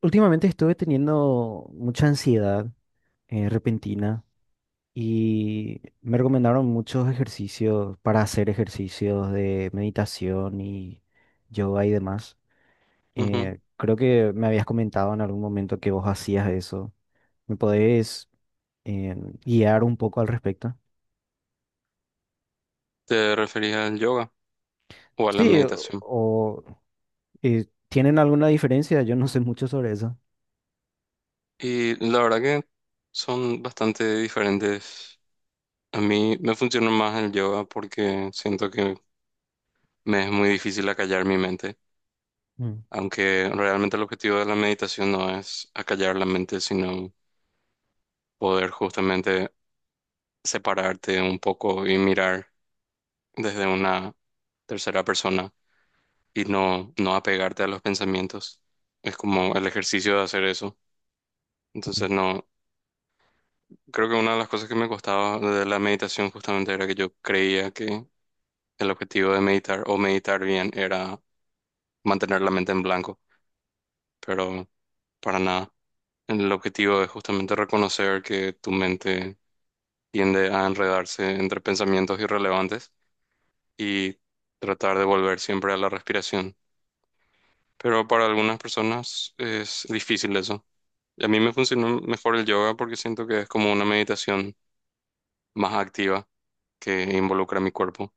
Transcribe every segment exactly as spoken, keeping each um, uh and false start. Últimamente estuve teniendo mucha ansiedad eh, repentina y me recomendaron muchos ejercicios para hacer ejercicios de meditación y yoga y demás. Ujú. Eh, creo que me habías comentado en algún momento que vos hacías eso. ¿Me podés eh, guiar un poco al respecto? ¿Te referís al yoga o a la Sí, o, meditación? o, eh, ¿tienen alguna diferencia? Yo no sé mucho sobre eso. Y la verdad que son bastante diferentes. A mí me funciona más el yoga porque siento que me es muy difícil acallar mi mente, Mm. aunque realmente el objetivo de la meditación no es acallar la mente, sino poder justamente separarte un poco y mirar desde una tercera persona y no, no apegarte a los pensamientos. Es como el ejercicio de hacer eso. Mm. Entonces no. Creo que una de las cosas que me costaba de la meditación justamente era que yo creía que el objetivo de meditar o meditar bien era mantener la mente en blanco, pero para nada. El objetivo es justamente reconocer que tu mente tiende a enredarse entre pensamientos irrelevantes y tratar de volver siempre a la respiración. Pero para algunas personas es difícil eso. Y a mí me funcionó mejor el yoga porque siento que es como una meditación más activa que involucra mi cuerpo.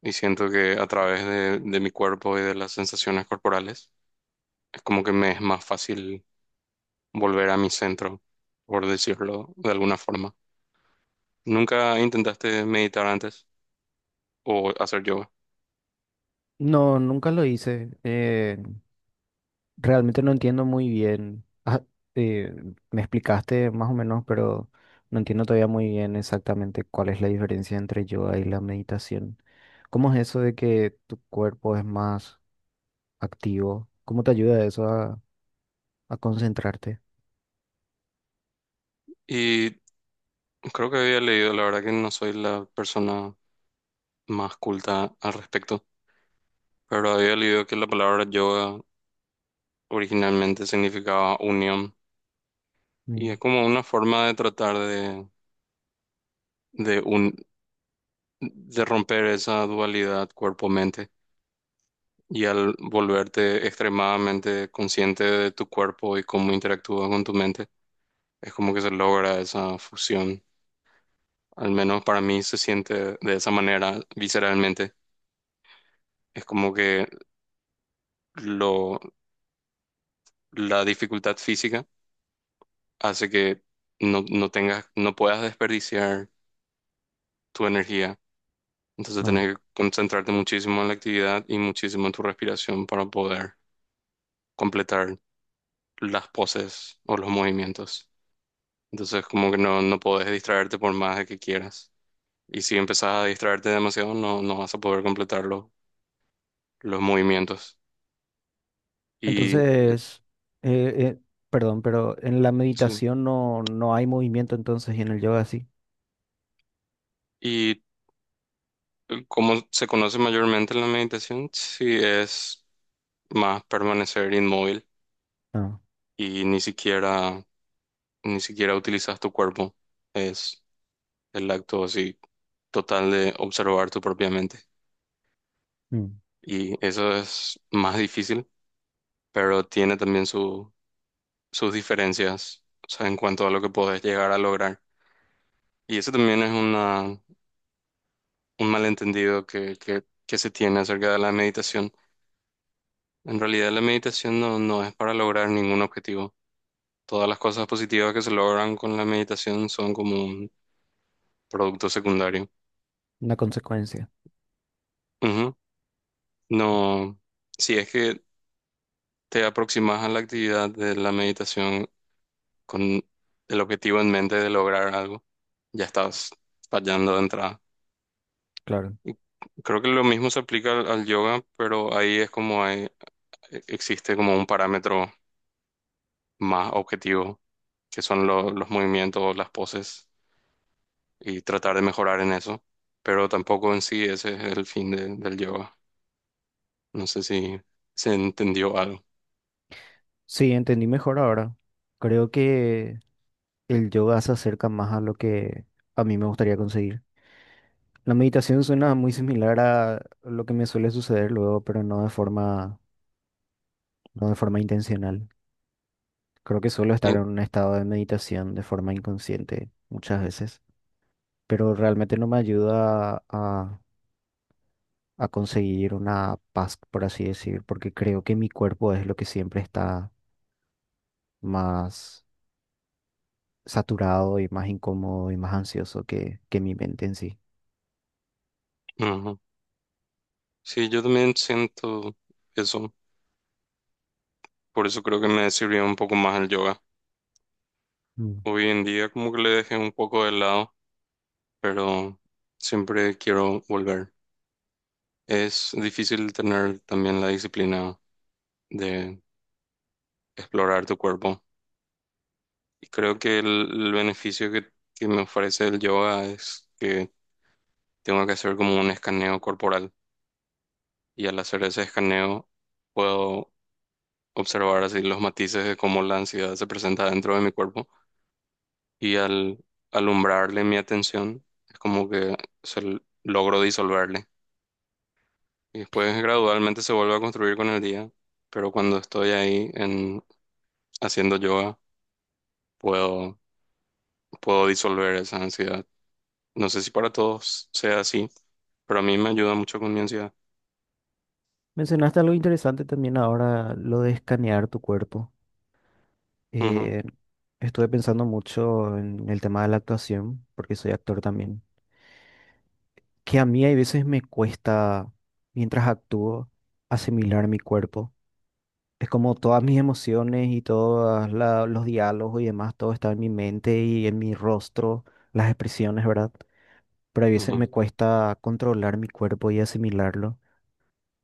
Y siento que a través de, de mi cuerpo y de las sensaciones corporales es como que me es más fácil volver a mi centro, por decirlo de alguna forma. ¿Nunca intentaste meditar antes o hacer yoga? No, nunca lo hice. Eh, Realmente no entiendo muy bien. Ah, eh, me explicaste más o menos, pero no entiendo todavía muy bien exactamente cuál es la diferencia entre yoga y la meditación. ¿Cómo es eso de que tu cuerpo es más activo? ¿Cómo te ayuda eso a, a concentrarte? Y creo que había leído, la verdad que no soy la persona más culta al respecto, pero había leído que la palabra yoga originalmente significaba unión, y Mm. es como una forma de tratar de, de, un, de romper esa dualidad cuerpo-mente. Y al volverte extremadamente consciente de tu cuerpo y cómo interactúa con tu mente, es como que se logra esa fusión. Al menos para mí se siente de esa manera visceralmente. Es como que lo, la dificultad física hace que no, no tengas, no puedas desperdiciar tu energía. Entonces Ah. tenés que concentrarte muchísimo en la actividad y muchísimo en tu respiración para poder completar las poses o los movimientos. Entonces como que no, no podés distraerte por más de que quieras. Y si empezás a distraerte demasiado, no, no vas a poder completar lo- los movimientos. Y Entonces, eh, eh, perdón, pero en la sí. meditación no, no hay movimiento entonces y en el yoga sí. ¿Y cómo se conoce mayormente la meditación? Sí, es más permanecer inmóvil Ah, y ni siquiera, ni siquiera utilizas tu cuerpo. Es el acto así total de observar tu propia mente. mm, Y eso es más difícil, pero tiene también sus diferencias, o sea, en cuanto a lo que podés llegar a lograr. Y eso también es una, un malentendido que, que, que se tiene acerca de la meditación. En realidad la meditación no, no es para lograr ningún objetivo. Todas las cosas positivas que se logran con la meditación son como un producto secundario. una consecuencia, Ujú. No, si es que te aproximas a la actividad de la meditación con el objetivo en mente de lograr algo, ya estás fallando de entrada. claro. Creo que lo mismo se aplica al, al yoga, pero ahí es como hay- e, existe como un parámetro más objetivo, que son lo- los movimientos, las poses, y tratar de mejorar en eso. Pero tampoco en sí ese es el fin de- del yoga. No sé si se entendió algo. Sí, entendí mejor ahora. Creo que... el yoga se acerca más a lo que a mí me gustaría conseguir. La meditación suena muy similar a lo que me suele suceder luego, pero no de forma, no de forma intencional. Creo que suelo estar en Y- un estado de meditación de forma inconsciente muchas veces, pero realmente no me ayuda a, a conseguir una paz, por así decir, porque creo que mi cuerpo es lo que siempre está más saturado y más incómodo y más ansioso que, que mi mente en sí. ujú. Sí, yo también siento eso. Por eso creo que me sirvió un poco más el yoga. Hoy en día como que le dejé un poco de lado, pero siempre quiero volver. Es difícil tener también la disciplina de explorar tu cuerpo. Y creo que el, el beneficio que, que me ofrece el yoga es que tengo que hacer como un escaneo corporal. Y al hacer ese escaneo puedo observar así los matices de cómo la ansiedad se presenta dentro de mi cuerpo. Y al alumbrarle mi atención, es como que se l- logro disolverle. Y después gradualmente se vuelve a construir con el día. Pero cuando estoy ahí en, haciendo yoga, puedo, puedo disolver esa ansiedad. No sé si para todos sea así, pero a mí me ayuda mucho con mi ansiedad. Mencionaste algo interesante también ahora, lo de escanear tu cuerpo. Ujú, Eh, Estuve pensando mucho en el tema de la actuación, porque soy actor también, que a mí hay veces me cuesta, mientras actúo, asimilar mi cuerpo. Es como todas mis emociones y todos los diálogos y demás, todo está en mi mente y en mi rostro, las expresiones, ¿verdad? Pero a veces me ujú. cuesta controlar mi cuerpo y asimilarlo.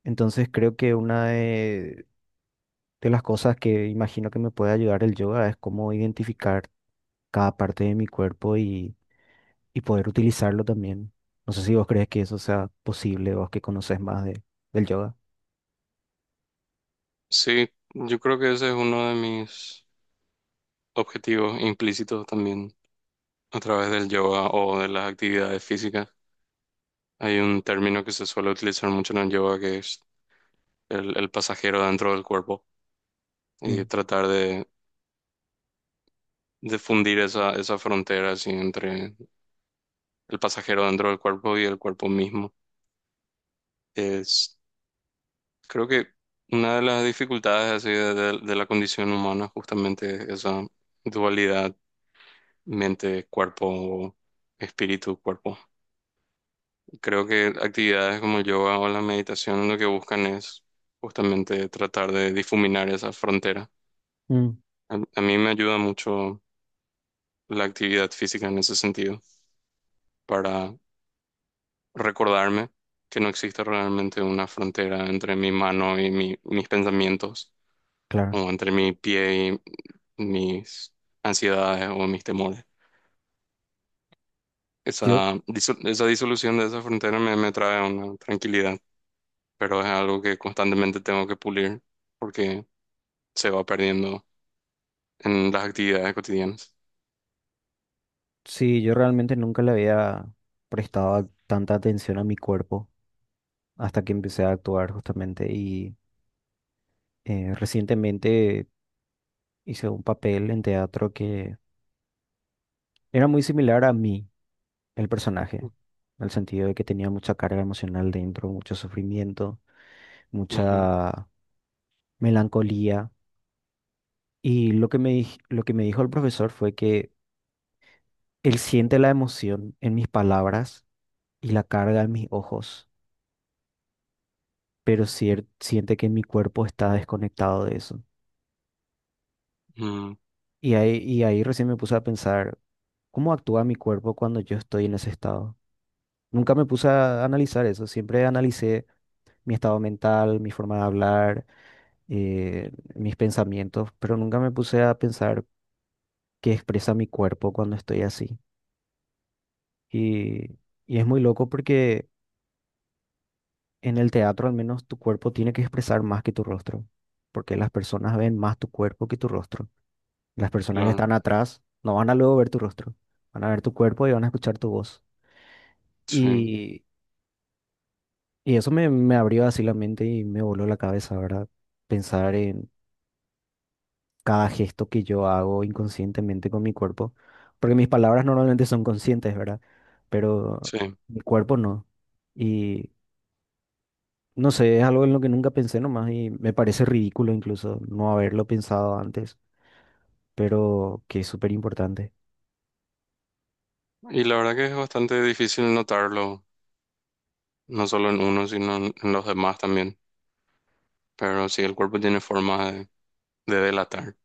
Entonces creo que una de De las cosas que imagino que me puede ayudar el yoga es cómo identificar cada parte de mi cuerpo y, y poder utilizarlo también. No sé si vos crees que eso sea posible, vos que conoces más de, del yoga. Sí, yo creo que ese es uno de mis objetivos implícitos también a través del yoga o de las actividades físicas. Hay un término que se suele utilizar mucho en el yoga que es el, el pasajero dentro del cuerpo y Mm, tratar de, de fundir esa, esa frontera así entre el pasajero dentro del cuerpo y el cuerpo mismo. Es Creo que una de las dificultades así de, de- de la condición humana, justamente esa dualidad mente-cuerpo, espíritu-cuerpo. Creo que actividades como el yoga o la meditación lo que buscan es justamente tratar de difuminar esa frontera. mm, A, a mí me ayuda mucho la actividad física en ese sentido, para recordarme que no existe realmente una frontera entre mi mano y mi- mis pensamientos, claro. o entre mi pie, mis ansiedades o mis temores. Yo, Esa, diso- esa disolución de esa frontera me, me trae una tranquilidad, pero es algo que constantemente tengo que pulir porque se va perdiendo en las actividades cotidianas. sí, yo realmente nunca le había prestado a- tanta atención a mi cuerpo hasta que empecé a actuar justamente y eh, recientemente hice un papel en teatro que era muy similar a mí. El personaje, en el sentido de que tenía mucha carga emocional dentro, mucho sufrimiento, Ujú, mucha melancolía. Y lo que me, dij- lo que me dijo el profesor fue que él siente la emoción en mis palabras y la carga en mis ojos, pero cier- siente que mi cuerpo está desconectado de eso. mm, Y ahí, y ahí recién me puse a pensar, ¿cómo actúa mi cuerpo cuando yo estoy en ese estado? Nunca me puse a analizar eso, siempre analicé mi estado mental, mi forma de hablar, eh, mis pensamientos, pero nunca me puse a pensar qué expresa mi cuerpo cuando estoy así. Y, y es muy loco porque en el teatro al menos tu cuerpo tiene que expresar más que tu rostro, porque las personas ven más tu cuerpo que tu rostro. Las personas que claro, están atrás no van a luego ver tu rostro, van a ver tu cuerpo y van a escuchar tu voz. sí, Y, y eso me, me abrió así la mente y me voló la cabeza, ¿verdad? Pensar en cada gesto que yo hago inconscientemente con mi cuerpo, porque mis palabras normalmente son conscientes, ¿verdad? Pero sí. mi cuerpo no. Y no sé, es algo en lo que nunca pensé nomás y me parece ridículo incluso no haberlo pensado antes, pero que es súper importante. Y la verdad que es bastante difícil notarlo, no solo en uno, sino en, en los demás también. Pero sí, el cuerpo tiene forma de, de delatar.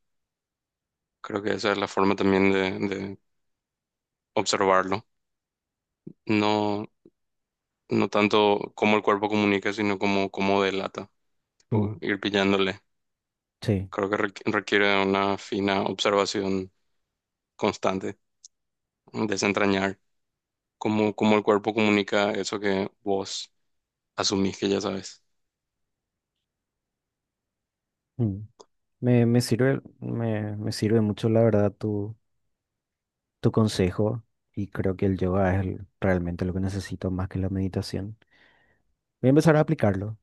Creo que esa es la forma también de, de observarlo. No, no tanto cómo el cuerpo comunica, sino cómo, cómo delata, Mm, tipo, ir pillándole. sí. Creo que requ- requiere de una fina observación constante, desentrañar cómo, cómo el cuerpo comunica eso que vos asumís que ya sabes. Mm. Me, me sirve, me, me sirve mucho, la verdad, tu, tu consejo y creo que el yoga es el- realmente lo que necesito más que la meditación. Voy a empezar a aplicarlo.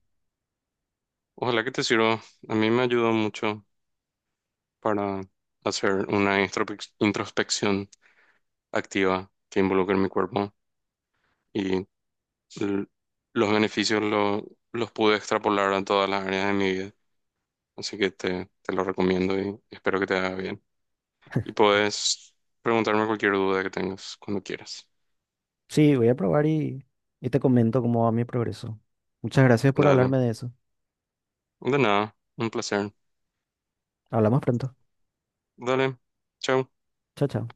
Ojalá que te sirva. A mí me ayudó mucho para hacer una introspec- introspección activa que involucre mi cuerpo y l- los beneficios lo- los pude extrapolar a todas las áreas de mi vida. Así que te, te lo recomiendo y espero que te haga bien. Y puedes preguntarme cualquier duda que tengas cuando quieras. Sí, voy a probar y, y te comento cómo va mi progreso. Muchas gracias por Dale. hablarme de eso. De nada, un placer. Hablamos pronto. Dale. Chao. Chao, chao.